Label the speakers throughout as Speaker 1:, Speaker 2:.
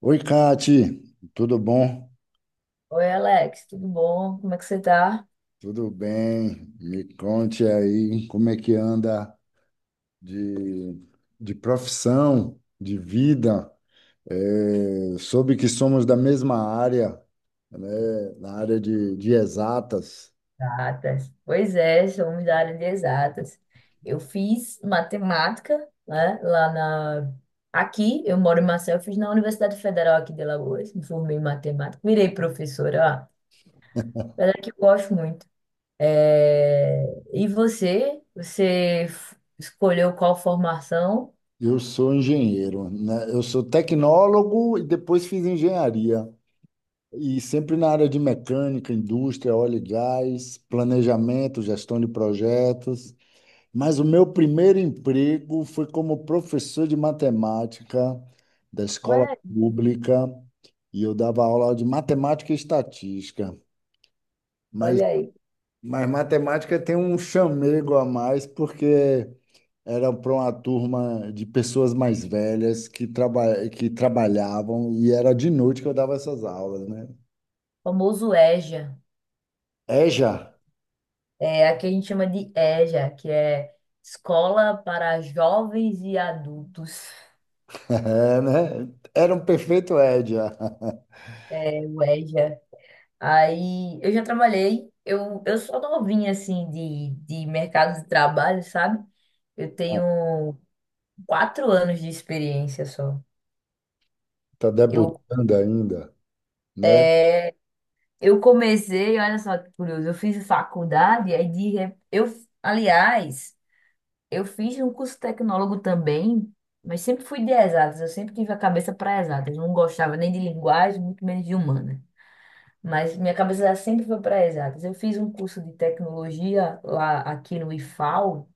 Speaker 1: Oi, Kati, tudo bom?
Speaker 2: Oi, Alex, tudo bom? Como é que você tá?
Speaker 1: Tudo bem? Me conte aí como é que anda de, de profissão, de vida. É, soube que somos da mesma área, né? Na área de exatas.
Speaker 2: Exatas. Pois é, somos da área de exatas. Eu fiz matemática, né, aqui, eu moro em Maceió, eu fiz na Universidade Federal aqui de Alagoas, me formei em matemática, virei professora, ó, era que eu gosto muito. É, E você? Você escolheu qual formação?
Speaker 1: Eu sou engenheiro, né? Eu sou tecnólogo e depois fiz engenharia. E sempre na área de mecânica, indústria, óleo e gás, planejamento, gestão de projetos. Mas o meu primeiro emprego foi como professor de matemática da escola
Speaker 2: Ué,
Speaker 1: pública e eu dava aula de matemática e estatística. Mas,
Speaker 2: olha aí,
Speaker 1: mas matemática tem um chamego a mais porque era para uma turma de pessoas mais velhas que que trabalhavam e era de noite que eu dava essas aulas, né?
Speaker 2: famoso EJA.
Speaker 1: EJA,
Speaker 2: É, aqui a gente chama de EJA, que é Escola para Jovens e Adultos,
Speaker 1: é, né? Era um perfeito EJA.
Speaker 2: é o EJA. Aí eu já trabalhei, eu sou novinha assim de mercado de trabalho, sabe? Eu tenho 4 anos de experiência só.
Speaker 1: Tá
Speaker 2: Eu,
Speaker 1: debutando ainda, né?
Speaker 2: eu comecei, olha só que curioso, eu fiz faculdade, aí de, re- eu, aliás. Eu fiz um curso tecnólogo também, mas sempre fui de exatas. Eu sempre tive a cabeça para exatas. Não gostava nem de linguagem, muito menos de humana. Mas minha cabeça sempre foi para exatas. Eu fiz um curso de tecnologia lá aqui no IFAL,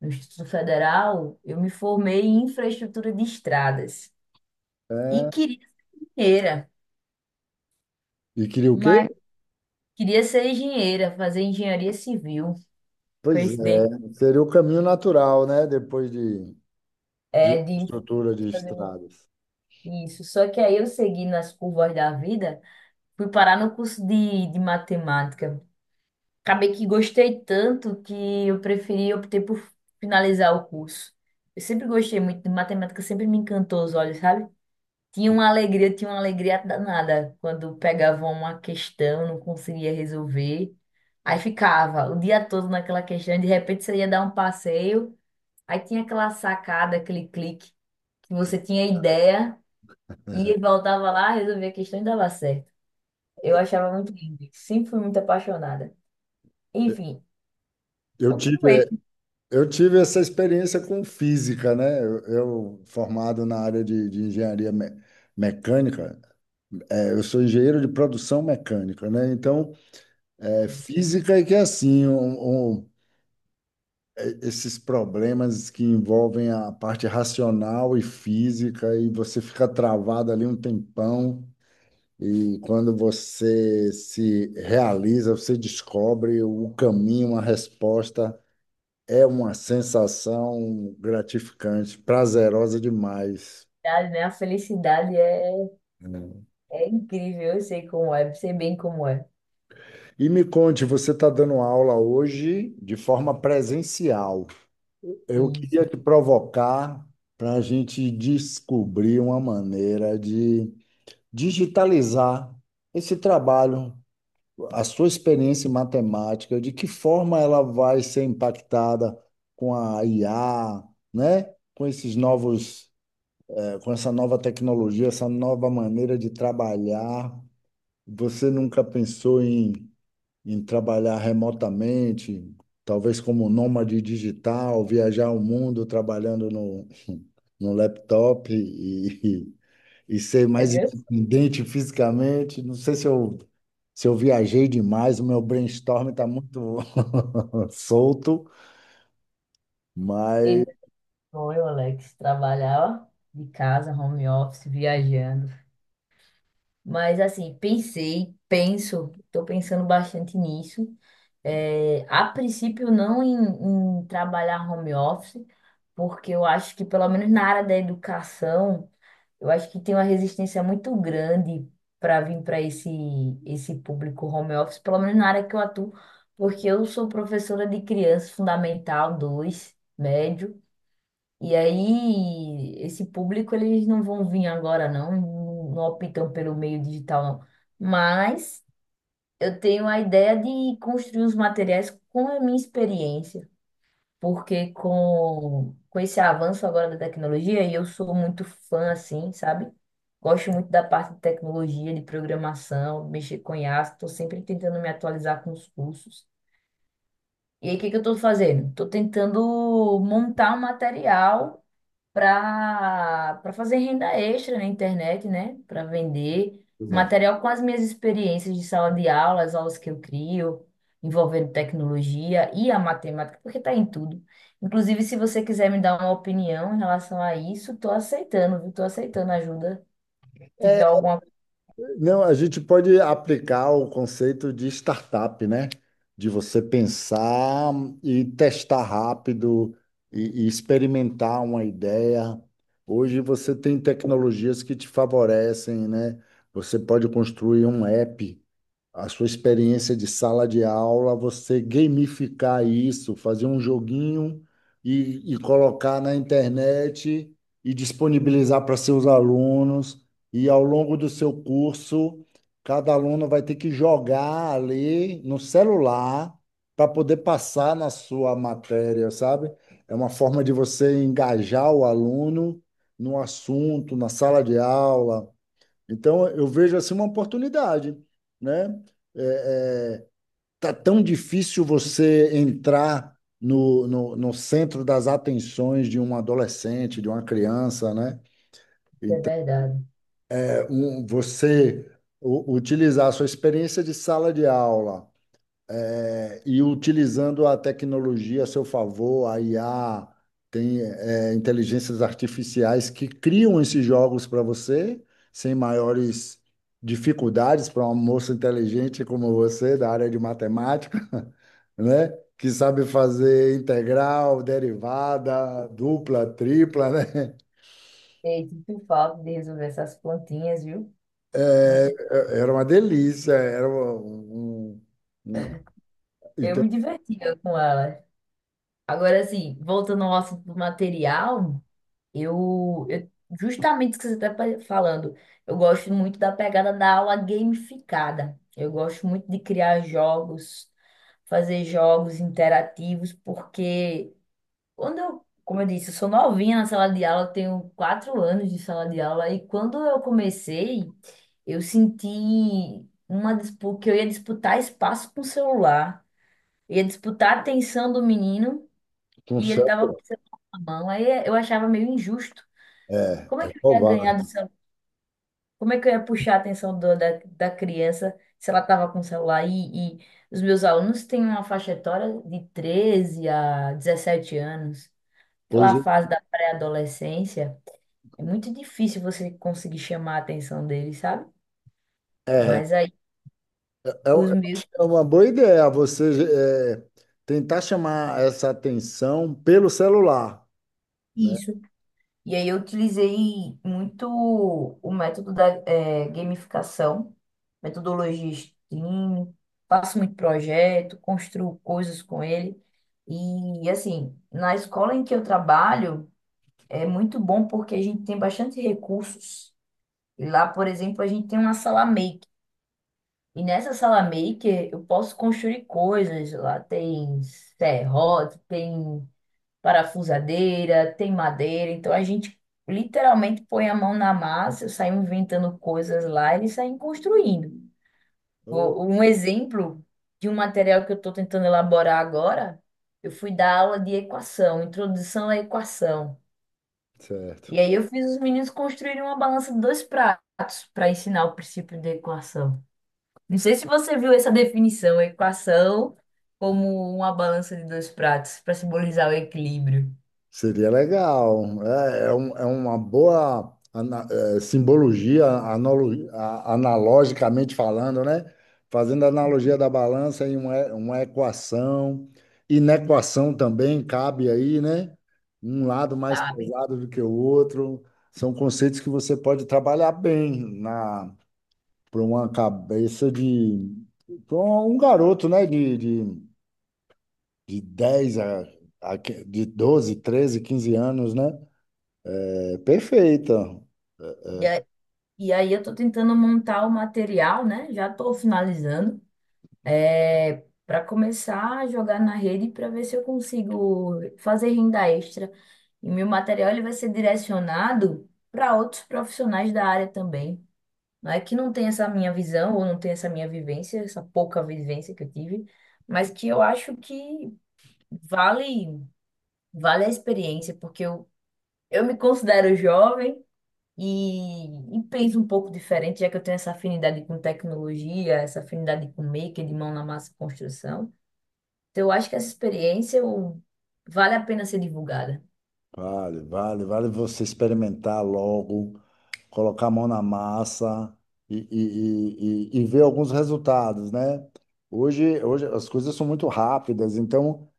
Speaker 2: no Instituto Federal. Eu me formei em infraestrutura de estradas e
Speaker 1: É.
Speaker 2: queria ser engenheira,
Speaker 1: E queria o quê?
Speaker 2: mas fazer engenharia civil.
Speaker 1: Pois
Speaker 2: Coincidência,
Speaker 1: é, seria o caminho natural, né? Depois de
Speaker 2: é de
Speaker 1: estrutura de
Speaker 2: fazer
Speaker 1: estradas.
Speaker 2: isso. Só que aí eu segui nas curvas da vida. Fui parar no curso de matemática. Acabei que gostei tanto que eu preferi optei por finalizar o curso. Eu sempre gostei muito de matemática, sempre me encantou os olhos, sabe? Tinha uma alegria danada quando pegava uma questão, não conseguia resolver. Aí ficava o dia todo naquela questão, de repente você ia dar um passeio, aí tinha aquela sacada, aquele clique que você tinha ideia
Speaker 1: É.
Speaker 2: e voltava lá, resolvia a questão e dava certo. Eu achava muito lindo. Sempre fui muito apaixonada. Enfim,
Speaker 1: Eu tive,
Speaker 2: continuei com
Speaker 1: eu tive essa experiência com física, né? Formado na área de engenharia mecânica, é, eu sou engenheiro de produção mecânica, né? Então, é, física é que é assim, é, esses problemas que envolvem a parte racional e física, e você fica travado ali um tempão. E quando você se realiza, você descobre o caminho, a resposta. É uma sensação gratificante, prazerosa demais,
Speaker 2: a idade, né? A felicidade é,
Speaker 1: né?
Speaker 2: é incrível. Eu sei como é, sei bem como é.
Speaker 1: E me conte, você está dando aula hoje de forma presencial. Eu queria
Speaker 2: Isso.
Speaker 1: te provocar para a gente descobrir uma maneira de digitalizar esse trabalho, a sua experiência em matemática, de que forma ela vai ser impactada com a IA, né? Com esses novos, com essa nova tecnologia, essa nova maneira de trabalhar. Você nunca pensou em trabalhar remotamente, talvez como nômade digital, viajar o mundo trabalhando no laptop e ser
Speaker 2: É
Speaker 1: mais
Speaker 2: meu,
Speaker 1: independente fisicamente. Não sei se se eu viajei demais, o meu brainstorm está muito solto,
Speaker 2: e
Speaker 1: mas.
Speaker 2: meu sonho, Alex, trabalhar de casa, home office, viajando. Mas assim, pensei, penso, estou pensando bastante nisso. É, a princípio, não em, em trabalhar home office, porque eu acho que pelo menos na área da educação. Eu acho que tem uma resistência muito grande para vir para esse público home office, pelo menos na área que eu atuo, porque eu sou professora de criança fundamental 2 médio, e aí esse público eles não vão vir agora não, não não optam pelo meio digital não. Mas eu tenho a ideia de construir os materiais com a minha experiência porque com esse avanço agora da tecnologia, e eu sou muito fã, assim, sabe? Gosto muito da parte de tecnologia, de programação, mexer com IA, estou sempre tentando me atualizar com os cursos. E aí, o que que eu estou fazendo? Estou tentando montar um material para fazer renda extra na internet, né? Para vender material com as minhas experiências de sala de aula, as aulas que eu crio, envolvendo tecnologia e a matemática, porque está em tudo. Inclusive, se você quiser me dar uma opinião em relação a isso, estou aceitando, viu? Estou aceitando ajuda, se tiver
Speaker 1: É,
Speaker 2: alguma coisa
Speaker 1: não, a gente pode aplicar o conceito de startup, né? De você pensar e testar rápido e experimentar uma ideia. Hoje você tem tecnologias que te favorecem, né? Você pode construir um app, a sua experiência de sala de aula, você gamificar isso, fazer um joguinho e colocar na internet e disponibilizar para seus alunos. E ao longo do seu curso, cada aluno vai ter que jogar ali no celular para poder passar na sua matéria, sabe? É uma forma de você engajar o aluno no assunto, na sala de aula. Então, eu vejo assim uma oportunidade, né? É, é, tá tão difícil você entrar no centro das atenções de um adolescente, de uma criança, né?
Speaker 2: que é
Speaker 1: Então,
Speaker 2: verdade.
Speaker 1: é, você utilizar a sua experiência de sala de aula. É, e utilizando a tecnologia a seu favor, a IA, tem é, inteligências artificiais que criam esses jogos para você, sem maiores dificuldades para uma moça inteligente como você, da área de matemática, né? Que sabe fazer integral, derivada, dupla, tripla, né?
Speaker 2: E sinto falta de resolver essas plantinhas, viu? Muito.
Speaker 1: Era uma delícia, era um,
Speaker 2: Eu
Speaker 1: então,
Speaker 2: me divertia com elas. Agora, assim, voltando ao assunto do material, Eu, eu- justamente o que você está falando, eu gosto muito da pegada da aula gamificada. Eu gosto muito de criar jogos, fazer jogos interativos, porque quando eu, como eu disse, eu sou novinha na sala de aula, eu tenho 4 anos de sala de aula, e quando eu comecei, eu senti uma disputa, que eu ia disputar espaço com o celular, ia disputar a atenção do menino,
Speaker 1: um
Speaker 2: e ele
Speaker 1: céu,
Speaker 2: estava com o celular na mão, aí eu achava meio injusto. Como é
Speaker 1: é
Speaker 2: que eu ia
Speaker 1: provável.
Speaker 2: ganhar do celular? Como é que eu ia puxar a atenção do- da, da criança se ela estava com o celular? E os meus alunos têm uma faixa etária de 13 a 17 anos,
Speaker 1: Pois
Speaker 2: aquela fase da pré-adolescência. É muito difícil você conseguir chamar a atenção deles, sabe?
Speaker 1: é.
Speaker 2: Mas aí
Speaker 1: É, eu
Speaker 2: os meus.
Speaker 1: acho que é uma boa ideia você tentar chamar essa atenção pelo celular, né?
Speaker 2: Isso, e aí eu utilizei muito o método da gamificação, metodologia Steam, faço muito projeto, construo coisas com ele. E assim, na escola em que eu trabalho, é muito bom porque a gente tem bastante recursos. E lá, por exemplo, a gente tem uma sala maker. E nessa sala maker eu posso construir coisas. Lá tem serrote, tem parafusadeira, tem madeira. Então a gente literalmente põe a mão na massa, sai inventando coisas lá, eles saem construindo.
Speaker 1: Oh,
Speaker 2: Um exemplo de um material que eu estou tentando elaborar agora, eu fui dar aula de equação, introdução à equação. E
Speaker 1: certo.
Speaker 2: aí eu fiz os meninos construírem uma balança de 2 pratos para ensinar o princípio da equação. Não sei se você viu essa definição, equação como uma balança de 2 pratos, para simbolizar o equilíbrio,
Speaker 1: Seria legal. É, é, é uma boa é, simbologia, analogicamente falando, né? Fazendo a analogia da balança em uma equação. Inequação também cabe aí, né? Um lado mais
Speaker 2: sabe?
Speaker 1: pesado do que o outro. São conceitos que você pode trabalhar bem para uma cabeça de para um garoto, né, de 10 a, de 12 13 15 anos, né? É perfeita.
Speaker 2: E aí eu tô tentando montar o material, né? Já tô finalizando. É, para começar a jogar na rede para ver se eu consigo fazer renda extra. E meu material ele vai ser direcionado para outros profissionais da área também. Não é que não tem essa minha visão ou não tem essa minha vivência, essa pouca vivência que eu tive, mas que eu acho que vale vale a experiência, porque eu me considero jovem e, e penso um pouco diferente, já que eu tenho essa afinidade com tecnologia, essa afinidade com maker, de mão na massa, e construção. Então, eu acho que essa experiência vale a pena ser divulgada.
Speaker 1: Vale, vale, vale você experimentar logo, colocar a mão na massa e ver alguns resultados, né? Hoje, hoje as coisas são muito rápidas, então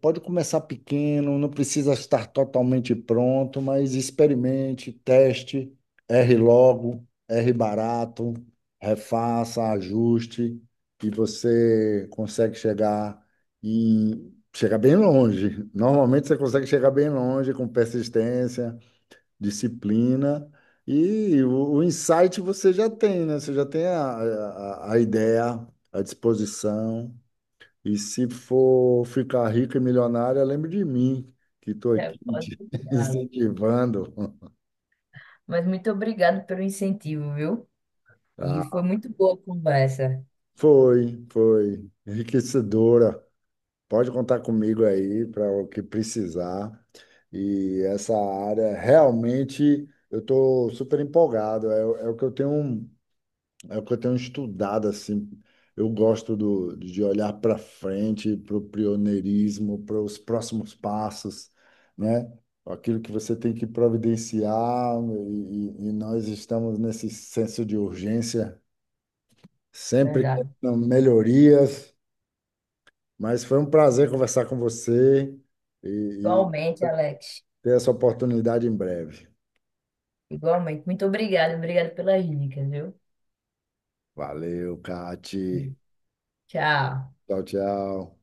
Speaker 1: pode começar pequeno, não precisa estar totalmente pronto, mas experimente, teste, erre logo, erre barato, refaça, ajuste, e você consegue chegar em chegar bem longe. Normalmente você consegue chegar bem longe com persistência, disciplina, e o insight você já tem, né? Você já tem a ideia, a disposição. E se for ficar rico e milionário, lembre de mim, que estou
Speaker 2: É,
Speaker 1: aqui
Speaker 2: pode
Speaker 1: te
Speaker 2: deixar.
Speaker 1: incentivando.
Speaker 2: Mas muito obrigado pelo incentivo, viu? E foi
Speaker 1: Ah,
Speaker 2: muito boa a conversa,
Speaker 1: foi, foi. Enriquecedora. Pode contar comigo aí para o que precisar. E essa área, realmente, eu estou super empolgado. É, o é o que eu tenho, um, é o que eu tenho estudado, assim. Eu gosto do, de olhar para frente, para o pioneirismo, para os próximos passos, né? Aquilo que você tem que providenciar, e nós estamos nesse senso de urgência, sempre
Speaker 2: verdade.
Speaker 1: querendo melhorias. Mas foi um prazer conversar com você e
Speaker 2: Igualmente, Alex.
Speaker 1: ter essa oportunidade em breve.
Speaker 2: Igualmente. Muito obrigado, obrigado pelas dicas, viu?
Speaker 1: Valeu, Cati.
Speaker 2: Tchau.
Speaker 1: Tchau, tchau.